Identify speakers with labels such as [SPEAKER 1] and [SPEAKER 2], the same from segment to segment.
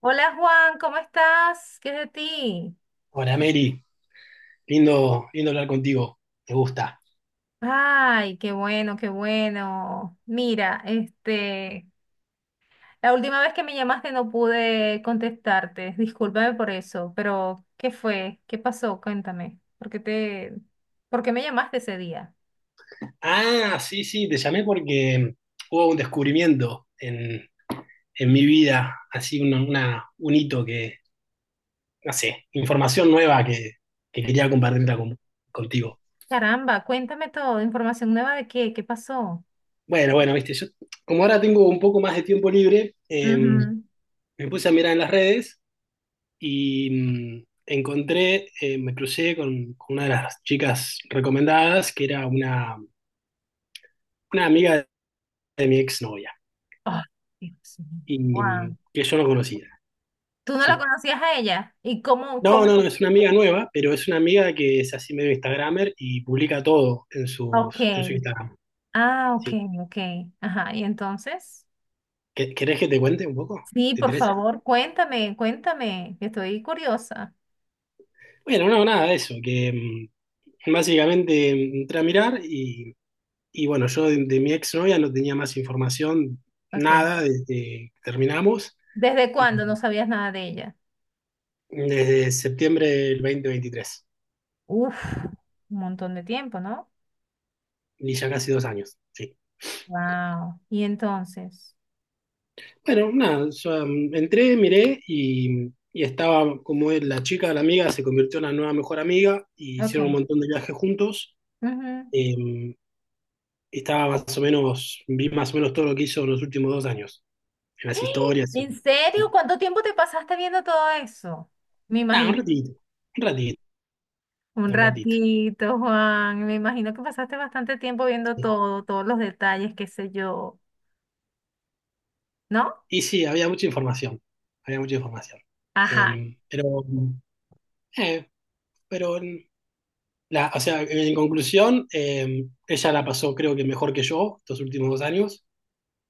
[SPEAKER 1] Hola Juan, ¿cómo estás? ¿Qué es de ti?
[SPEAKER 2] Hola Mary, lindo, lindo hablar contigo, me gusta.
[SPEAKER 1] Ay, qué bueno, qué bueno. Mira, la última vez que me llamaste no pude contestarte. Discúlpame por eso, pero ¿qué fue? ¿Qué pasó? Cuéntame. ¿Por qué me llamaste ese día?
[SPEAKER 2] Ah, sí, sí, te llamé porque hubo un descubrimiento en mi vida, así un hito que, no sé, información nueva que quería compartirla contigo.
[SPEAKER 1] Caramba, cuéntame todo. ¿Información nueva de qué? ¿Qué pasó?
[SPEAKER 2] Bueno, bueno, viste, yo como ahora tengo un poco más de tiempo libre,
[SPEAKER 1] Ujú.
[SPEAKER 2] me puse a mirar en las redes y encontré, me crucé con una de las chicas recomendadas, que era una amiga de mi exnovia.
[SPEAKER 1] Ay, Dios mío,
[SPEAKER 2] Y
[SPEAKER 1] Juan.
[SPEAKER 2] que yo no conocía.
[SPEAKER 1] ¿Tú no la
[SPEAKER 2] Sí.
[SPEAKER 1] conocías a ella? ¿Y cómo,
[SPEAKER 2] No,
[SPEAKER 1] cómo?
[SPEAKER 2] no, no, es una amiga nueva, pero es una amiga que es así medio Instagramer y publica todo en
[SPEAKER 1] Ok.
[SPEAKER 2] sus, en su Instagram.
[SPEAKER 1] Ah, ok,
[SPEAKER 2] Sí.
[SPEAKER 1] ok. Ajá, y entonces,
[SPEAKER 2] ¿Querés que te cuente un poco?
[SPEAKER 1] sí,
[SPEAKER 2] ¿Te
[SPEAKER 1] por
[SPEAKER 2] interesa?
[SPEAKER 1] favor, cuéntame, cuéntame, que estoy curiosa.
[SPEAKER 2] Bueno, no, nada de eso, que básicamente entré a mirar y bueno, yo de mi exnovia no tenía más información,
[SPEAKER 1] Ok.
[SPEAKER 2] nada desde que terminamos,
[SPEAKER 1] ¿Desde
[SPEAKER 2] y
[SPEAKER 1] cuándo no sabías nada de ella?
[SPEAKER 2] desde septiembre del 2023
[SPEAKER 1] Uf, un montón de tiempo, ¿no?
[SPEAKER 2] y ya casi 2 años. Sí.
[SPEAKER 1] Wow. Y entonces,
[SPEAKER 2] Bueno, nada, yo, entré, miré y estaba como la chica de la amiga se convirtió en la nueva mejor amiga y
[SPEAKER 1] ok.
[SPEAKER 2] hicieron un montón de viajes juntos.
[SPEAKER 1] Ujú.
[SPEAKER 2] Eh, estaba más o menos, Vi más o menos todo lo que hizo en los últimos 2 años, en las historias.
[SPEAKER 1] ¿En serio?
[SPEAKER 2] Sí.
[SPEAKER 1] ¿Cuánto tiempo te pasaste viendo todo eso? Me
[SPEAKER 2] Ah, un
[SPEAKER 1] imagino,
[SPEAKER 2] ratito, un ratito,
[SPEAKER 1] un
[SPEAKER 2] un ratito.
[SPEAKER 1] ratito, Juan, me imagino que pasaste bastante tiempo viendo
[SPEAKER 2] Sí.
[SPEAKER 1] todos los detalles, qué sé yo, ¿no?
[SPEAKER 2] Y sí, había mucha información, había mucha información.
[SPEAKER 1] Ajá.
[SPEAKER 2] Eh, pero, eh, pero, o sea, en conclusión, ella la pasó creo que mejor que yo estos últimos 2 años.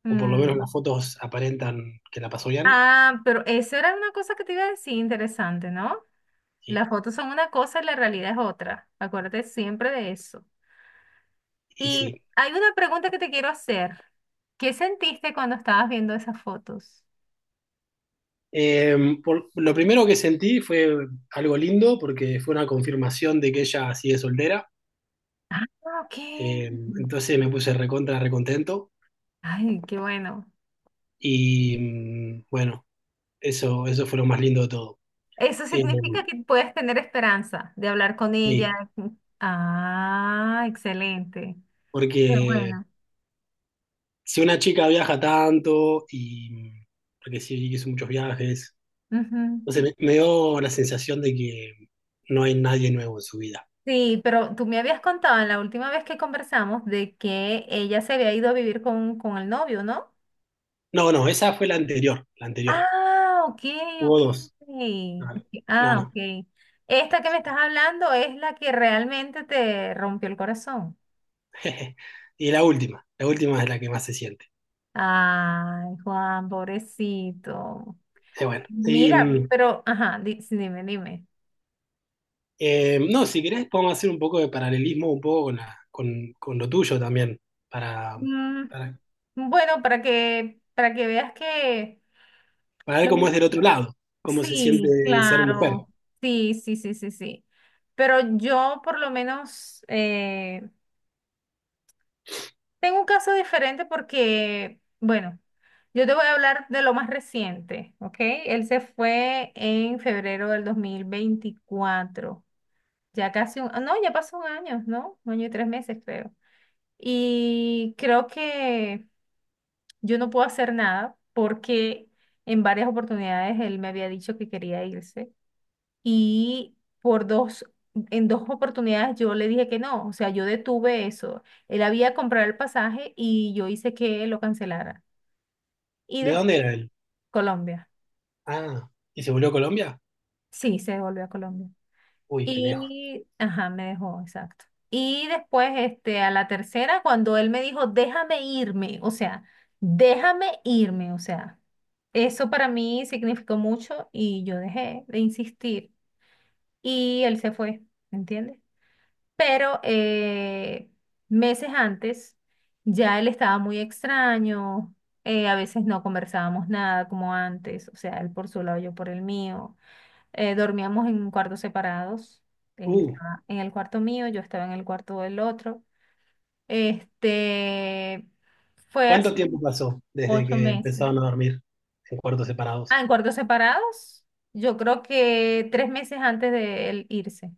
[SPEAKER 2] O por lo menos las fotos aparentan que la pasó bien,
[SPEAKER 1] Ah, pero eso era una cosa que te iba a decir, interesante, ¿no?
[SPEAKER 2] y,
[SPEAKER 1] Las fotos son una cosa y la realidad es otra. Acuérdate siempre de eso.
[SPEAKER 2] y
[SPEAKER 1] Y
[SPEAKER 2] sí.
[SPEAKER 1] hay una pregunta que te quiero hacer. ¿Qué sentiste cuando estabas viendo esas fotos?
[SPEAKER 2] Eh, lo primero que sentí fue algo lindo, porque fue una confirmación de que ella sigue soltera.
[SPEAKER 1] Ah, ok.
[SPEAKER 2] Eh, entonces me puse recontento,
[SPEAKER 1] Ay, qué bueno.
[SPEAKER 2] y bueno, eso fue lo más lindo de todo.
[SPEAKER 1] Eso
[SPEAKER 2] Eh,
[SPEAKER 1] significa que puedes tener esperanza de hablar con
[SPEAKER 2] sí,
[SPEAKER 1] ella. Ah, excelente. Qué
[SPEAKER 2] porque
[SPEAKER 1] bueno.
[SPEAKER 2] si una chica viaja tanto, y porque sí, hizo muchos viajes,
[SPEAKER 1] Ujú.
[SPEAKER 2] entonces me dio la sensación de que no hay nadie nuevo en su vida.
[SPEAKER 1] Sí, pero tú me habías contado en la última vez que conversamos de que ella se había ido a vivir con el novio, ¿no?
[SPEAKER 2] No, no, esa fue la anterior, la anterior.
[SPEAKER 1] Ah, ok,
[SPEAKER 2] Hubo
[SPEAKER 1] ok.
[SPEAKER 2] dos.
[SPEAKER 1] Ok,
[SPEAKER 2] No,
[SPEAKER 1] ok,
[SPEAKER 2] no.
[SPEAKER 1] ah,
[SPEAKER 2] No.
[SPEAKER 1] ok. Esta que me estás hablando es la que realmente te rompió el corazón.
[SPEAKER 2] Y la última es la que más se siente.
[SPEAKER 1] Ay, Juan, pobrecito.
[SPEAKER 2] Bueno, y,
[SPEAKER 1] Mira, pero, ajá, sí, dime, dime.
[SPEAKER 2] no, si querés podemos hacer un poco de paralelismo un poco con lo tuyo también, para,
[SPEAKER 1] Mm,
[SPEAKER 2] para,
[SPEAKER 1] bueno, para que veas que
[SPEAKER 2] para ver
[SPEAKER 1] lo
[SPEAKER 2] cómo es
[SPEAKER 1] mío.
[SPEAKER 2] del otro lado, cómo se
[SPEAKER 1] Sí,
[SPEAKER 2] siente ser mujer.
[SPEAKER 1] claro. Sí, sí, sí, sí, sí. Pero yo por lo menos tengo un caso diferente porque, bueno, yo te voy a hablar de lo más reciente, ¿ok? Él se fue en febrero del 2024. Ya pasó un año, ¿no? Un año y 3 meses, creo. Y creo que yo no puedo hacer nada porque en varias oportunidades él me había dicho que quería irse y en dos oportunidades yo le dije que no, o sea, yo detuve eso. Él había comprado el pasaje y yo hice que lo cancelara. Y
[SPEAKER 2] ¿De
[SPEAKER 1] de
[SPEAKER 2] dónde era él?
[SPEAKER 1] Colombia,
[SPEAKER 2] Ah, ¿y se volvió a Colombia?
[SPEAKER 1] sí, se devolvió a Colombia.
[SPEAKER 2] Uy, qué lejos.
[SPEAKER 1] Y, ajá, me dejó, exacto. Y después, este, a la tercera, cuando él me dijo, déjame irme, o sea, déjame irme, o sea, eso para mí significó mucho y yo dejé de insistir y él se fue, ¿entiendes? Pero meses antes ya él estaba muy extraño, a veces no conversábamos nada como antes, o sea, él por su lado, yo por el mío, dormíamos en cuartos separados, él
[SPEAKER 2] Uh,
[SPEAKER 1] estaba en el cuarto mío, yo estaba en el cuarto del otro. Este, fue
[SPEAKER 2] ¿cuánto
[SPEAKER 1] así
[SPEAKER 2] tiempo pasó desde
[SPEAKER 1] ocho
[SPEAKER 2] que
[SPEAKER 1] meses.
[SPEAKER 2] empezaron a dormir en cuartos
[SPEAKER 1] Ah,
[SPEAKER 2] separados?
[SPEAKER 1] en cuartos separados, yo creo que 3 meses antes de él irse.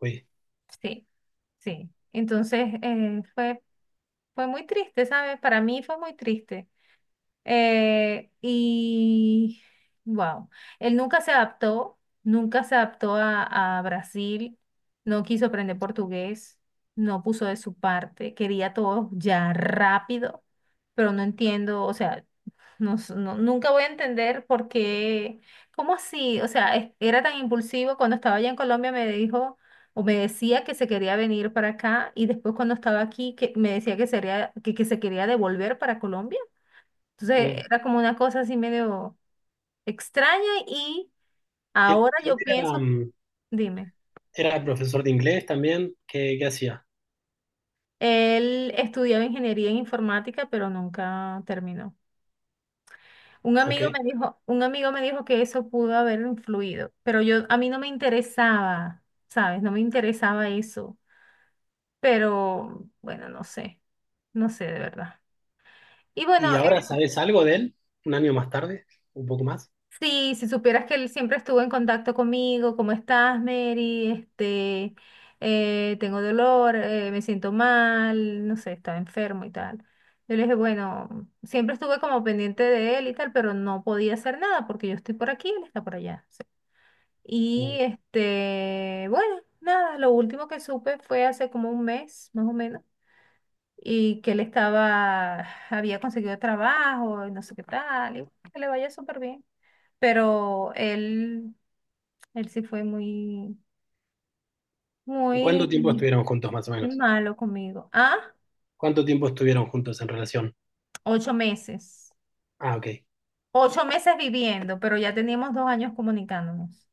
[SPEAKER 2] Uy.
[SPEAKER 1] Sí, sí. Entonces, fue muy triste, ¿sabes? Para mí fue muy triste. Y, wow, él nunca se adaptó, nunca se adaptó a Brasil, no quiso aprender portugués, no puso de su parte, quería todo ya rápido, pero no entiendo, o sea, nunca voy a entender por qué, cómo así, o sea, era tan impulsivo cuando estaba allá en Colombia me dijo o me decía que se quería venir para acá y después cuando estaba aquí que me decía que sería que, se quería devolver para Colombia.
[SPEAKER 2] Mm.
[SPEAKER 1] Entonces era como una cosa así medio extraña y
[SPEAKER 2] ¿Y él,
[SPEAKER 1] ahora
[SPEAKER 2] y él
[SPEAKER 1] yo
[SPEAKER 2] era,
[SPEAKER 1] pienso,
[SPEAKER 2] mm,
[SPEAKER 1] dime,
[SPEAKER 2] Era profesor de inglés también. ¿Qué hacía?
[SPEAKER 1] él estudiaba ingeniería en informática pero nunca terminó. Un
[SPEAKER 2] Ok.
[SPEAKER 1] amigo me dijo, un amigo me dijo que eso pudo haber influido, pero yo a mí no me interesaba, ¿sabes? No me interesaba eso, pero bueno, no sé, no sé de verdad. Y bueno,
[SPEAKER 2] ¿Y ahora sabes algo de él? ¿Un año más tarde? ¿Un poco más?
[SPEAKER 1] si supieras que él siempre estuvo en contacto conmigo, ¿cómo estás, Mary? Este, tengo dolor, me siento mal, no sé, estaba enfermo y tal. Yo le dije, bueno, siempre estuve como pendiente de él y tal, pero no podía hacer nada porque yo estoy por aquí, él está por allá. Y
[SPEAKER 2] Mm.
[SPEAKER 1] este, bueno, nada, lo último que supe fue hace como un mes, más o menos, y que él estaba, había conseguido trabajo y no sé qué tal, y bueno, que le vaya súper bien. Pero él, sí fue muy,
[SPEAKER 2] ¿Cuánto
[SPEAKER 1] muy,
[SPEAKER 2] tiempo estuvieron juntos, más o
[SPEAKER 1] muy
[SPEAKER 2] menos?
[SPEAKER 1] malo conmigo. Ah,
[SPEAKER 2] ¿Cuánto tiempo estuvieron juntos en relación?
[SPEAKER 1] 8 meses.
[SPEAKER 2] Ah, ok.
[SPEAKER 1] 8 meses viviendo, pero ya teníamos 2 años comunicándonos.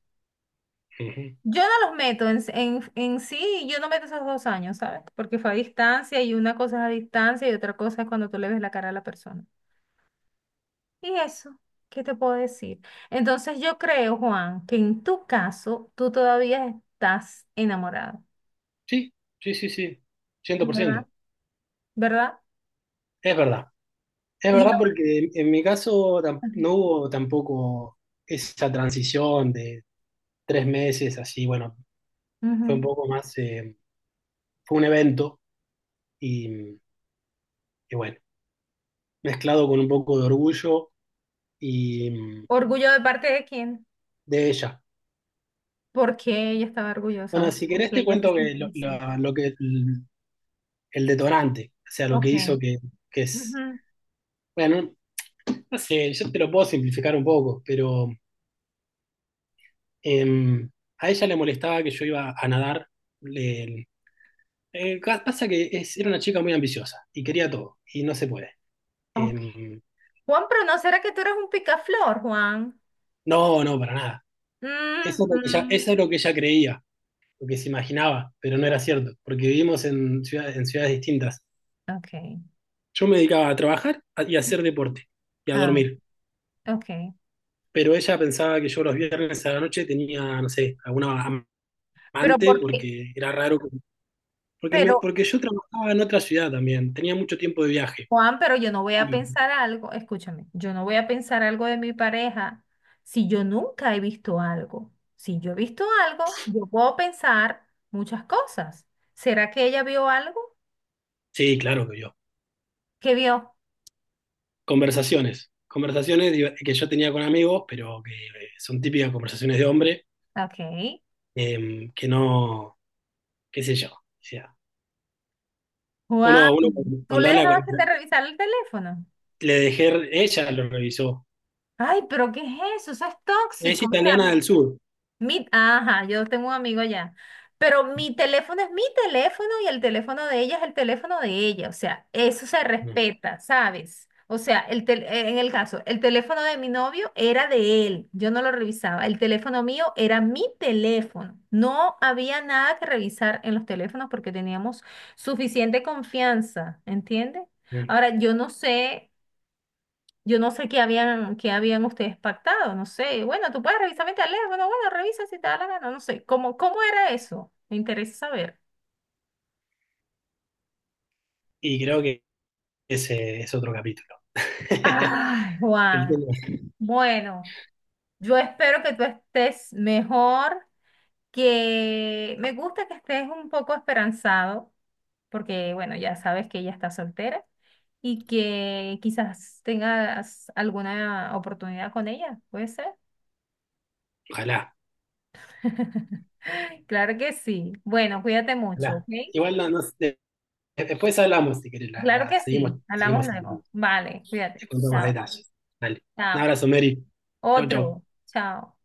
[SPEAKER 2] Ujú.
[SPEAKER 1] Yo no los meto en sí, yo no meto esos 2 años, ¿sabes? Porque fue a distancia y una cosa es a distancia y otra cosa es cuando tú le ves la cara a la persona. Y eso, ¿qué te puedo decir? Entonces yo creo, Juan, que en tu caso tú todavía estás enamorado,
[SPEAKER 2] Sí, sí, sí, sí. cien por
[SPEAKER 1] ¿verdad?
[SPEAKER 2] ciento
[SPEAKER 1] ¿Verdad?
[SPEAKER 2] Es verdad. Es
[SPEAKER 1] Y
[SPEAKER 2] verdad porque en mi caso
[SPEAKER 1] ahora-
[SPEAKER 2] no hubo tampoco esa transición de 3 meses así. Bueno, fue un
[SPEAKER 1] Ujú.
[SPEAKER 2] poco más, fue un evento y, y bueno. Mezclado con un poco de orgullo y
[SPEAKER 1] ¿Orgullo de parte de quién?
[SPEAKER 2] de ella.
[SPEAKER 1] ¿Por qué ella estaba orgullosa?
[SPEAKER 2] Bueno,
[SPEAKER 1] ¿O
[SPEAKER 2] si
[SPEAKER 1] ¿Por
[SPEAKER 2] querés
[SPEAKER 1] qué
[SPEAKER 2] te
[SPEAKER 1] ella se
[SPEAKER 2] cuento que
[SPEAKER 1] sentía así?
[SPEAKER 2] lo que el, detonante, o sea, lo que hizo
[SPEAKER 1] Ok.
[SPEAKER 2] que es,
[SPEAKER 1] Ujú.
[SPEAKER 2] bueno, no sé, yo te lo puedo simplificar un poco, pero em, a ella le molestaba que yo iba a nadar. Le, Pasa que era una chica muy ambiciosa y quería todo, y no se puede.
[SPEAKER 1] Ok.
[SPEAKER 2] Em,
[SPEAKER 1] Juan, pero ¿no será que tú eres un picaflor, Juan?
[SPEAKER 2] no, no, para nada. Eso es lo que ella,
[SPEAKER 1] Ujú.
[SPEAKER 2] eso es lo que ella creía. Lo que se imaginaba, pero no era cierto, porque vivimos en ciudades distintas.
[SPEAKER 1] Okay,
[SPEAKER 2] Yo me dedicaba a trabajar y a hacer deporte y a
[SPEAKER 1] ah,
[SPEAKER 2] dormir,
[SPEAKER 1] okay,
[SPEAKER 2] pero ella pensaba que yo los viernes a la noche tenía, no sé, alguna
[SPEAKER 1] Pero
[SPEAKER 2] amante,
[SPEAKER 1] porque,
[SPEAKER 2] porque era raro, porque, me-
[SPEAKER 1] pero,
[SPEAKER 2] porque yo trabajaba en otra ciudad también, tenía mucho tiempo de viaje.
[SPEAKER 1] Juan, pero yo no voy a
[SPEAKER 2] Y-
[SPEAKER 1] pensar algo, escúchame, yo no voy a pensar algo de mi pareja si yo nunca he visto algo. Si yo he visto algo, yo puedo pensar muchas cosas. ¿Será que ella vio algo?
[SPEAKER 2] sí, claro que yo.
[SPEAKER 1] ¿Qué vio?
[SPEAKER 2] Conversaciones que yo tenía con amigos, pero que son típicas conversaciones de hombre,
[SPEAKER 1] Ok.
[SPEAKER 2] que no, qué sé yo. O sea,
[SPEAKER 1] Juan,
[SPEAKER 2] uno
[SPEAKER 1] ¿tú
[SPEAKER 2] cuando
[SPEAKER 1] le
[SPEAKER 2] habla
[SPEAKER 1] dejaste de revisar el teléfono?
[SPEAKER 2] le dejé, ella lo revisó.
[SPEAKER 1] Ay, pero ¿qué es eso? Eso es
[SPEAKER 2] Es
[SPEAKER 1] tóxico. O
[SPEAKER 2] italiana
[SPEAKER 1] sea,
[SPEAKER 2] del sur.
[SPEAKER 1] Ajá, yo tengo un amigo allá. Pero mi teléfono es mi teléfono y el teléfono de ella es el teléfono de ella. O sea, eso se
[SPEAKER 2] Mm,
[SPEAKER 1] respeta, ¿sabes? O sea, en el caso, el teléfono de mi novio era de él. Yo no lo revisaba. El teléfono mío era mi teléfono. No había nada que revisar en los teléfonos porque teníamos suficiente confianza, ¿entiendes?
[SPEAKER 2] mm.
[SPEAKER 1] Ahora, yo no sé. Yo no sé qué habían ustedes pactado, no sé. Bueno, tú puedes revisar, vete a leer. Bueno, bueno, revisa si te da la gana, no sé. ¿Cómo era eso? Me interesa saber.
[SPEAKER 2] Y creo que ese es otro capítulo.
[SPEAKER 1] Ay,
[SPEAKER 2] El
[SPEAKER 1] Juan.
[SPEAKER 2] tema-
[SPEAKER 1] Bueno, yo espero que tú estés mejor, que me gusta que estés un poco esperanzado, porque bueno, ya sabes que ella está soltera y que quizás tengas alguna oportunidad con ella, ¿puede ser?
[SPEAKER 2] Ojalá,
[SPEAKER 1] Claro que sí. Bueno, cuídate mucho, ¿ok?
[SPEAKER 2] ojalá. Igual no, no sé, después hablamos, si querés,
[SPEAKER 1] Claro que
[SPEAKER 2] seguimos,
[SPEAKER 1] sí, hablamos
[SPEAKER 2] seguimos hablando.
[SPEAKER 1] luego. Vale, cuídate.
[SPEAKER 2] Te cuento más
[SPEAKER 1] Chao,
[SPEAKER 2] detalles. Dale. Un
[SPEAKER 1] chao.
[SPEAKER 2] abrazo, Mary. Chau, chau.
[SPEAKER 1] Otro, chao.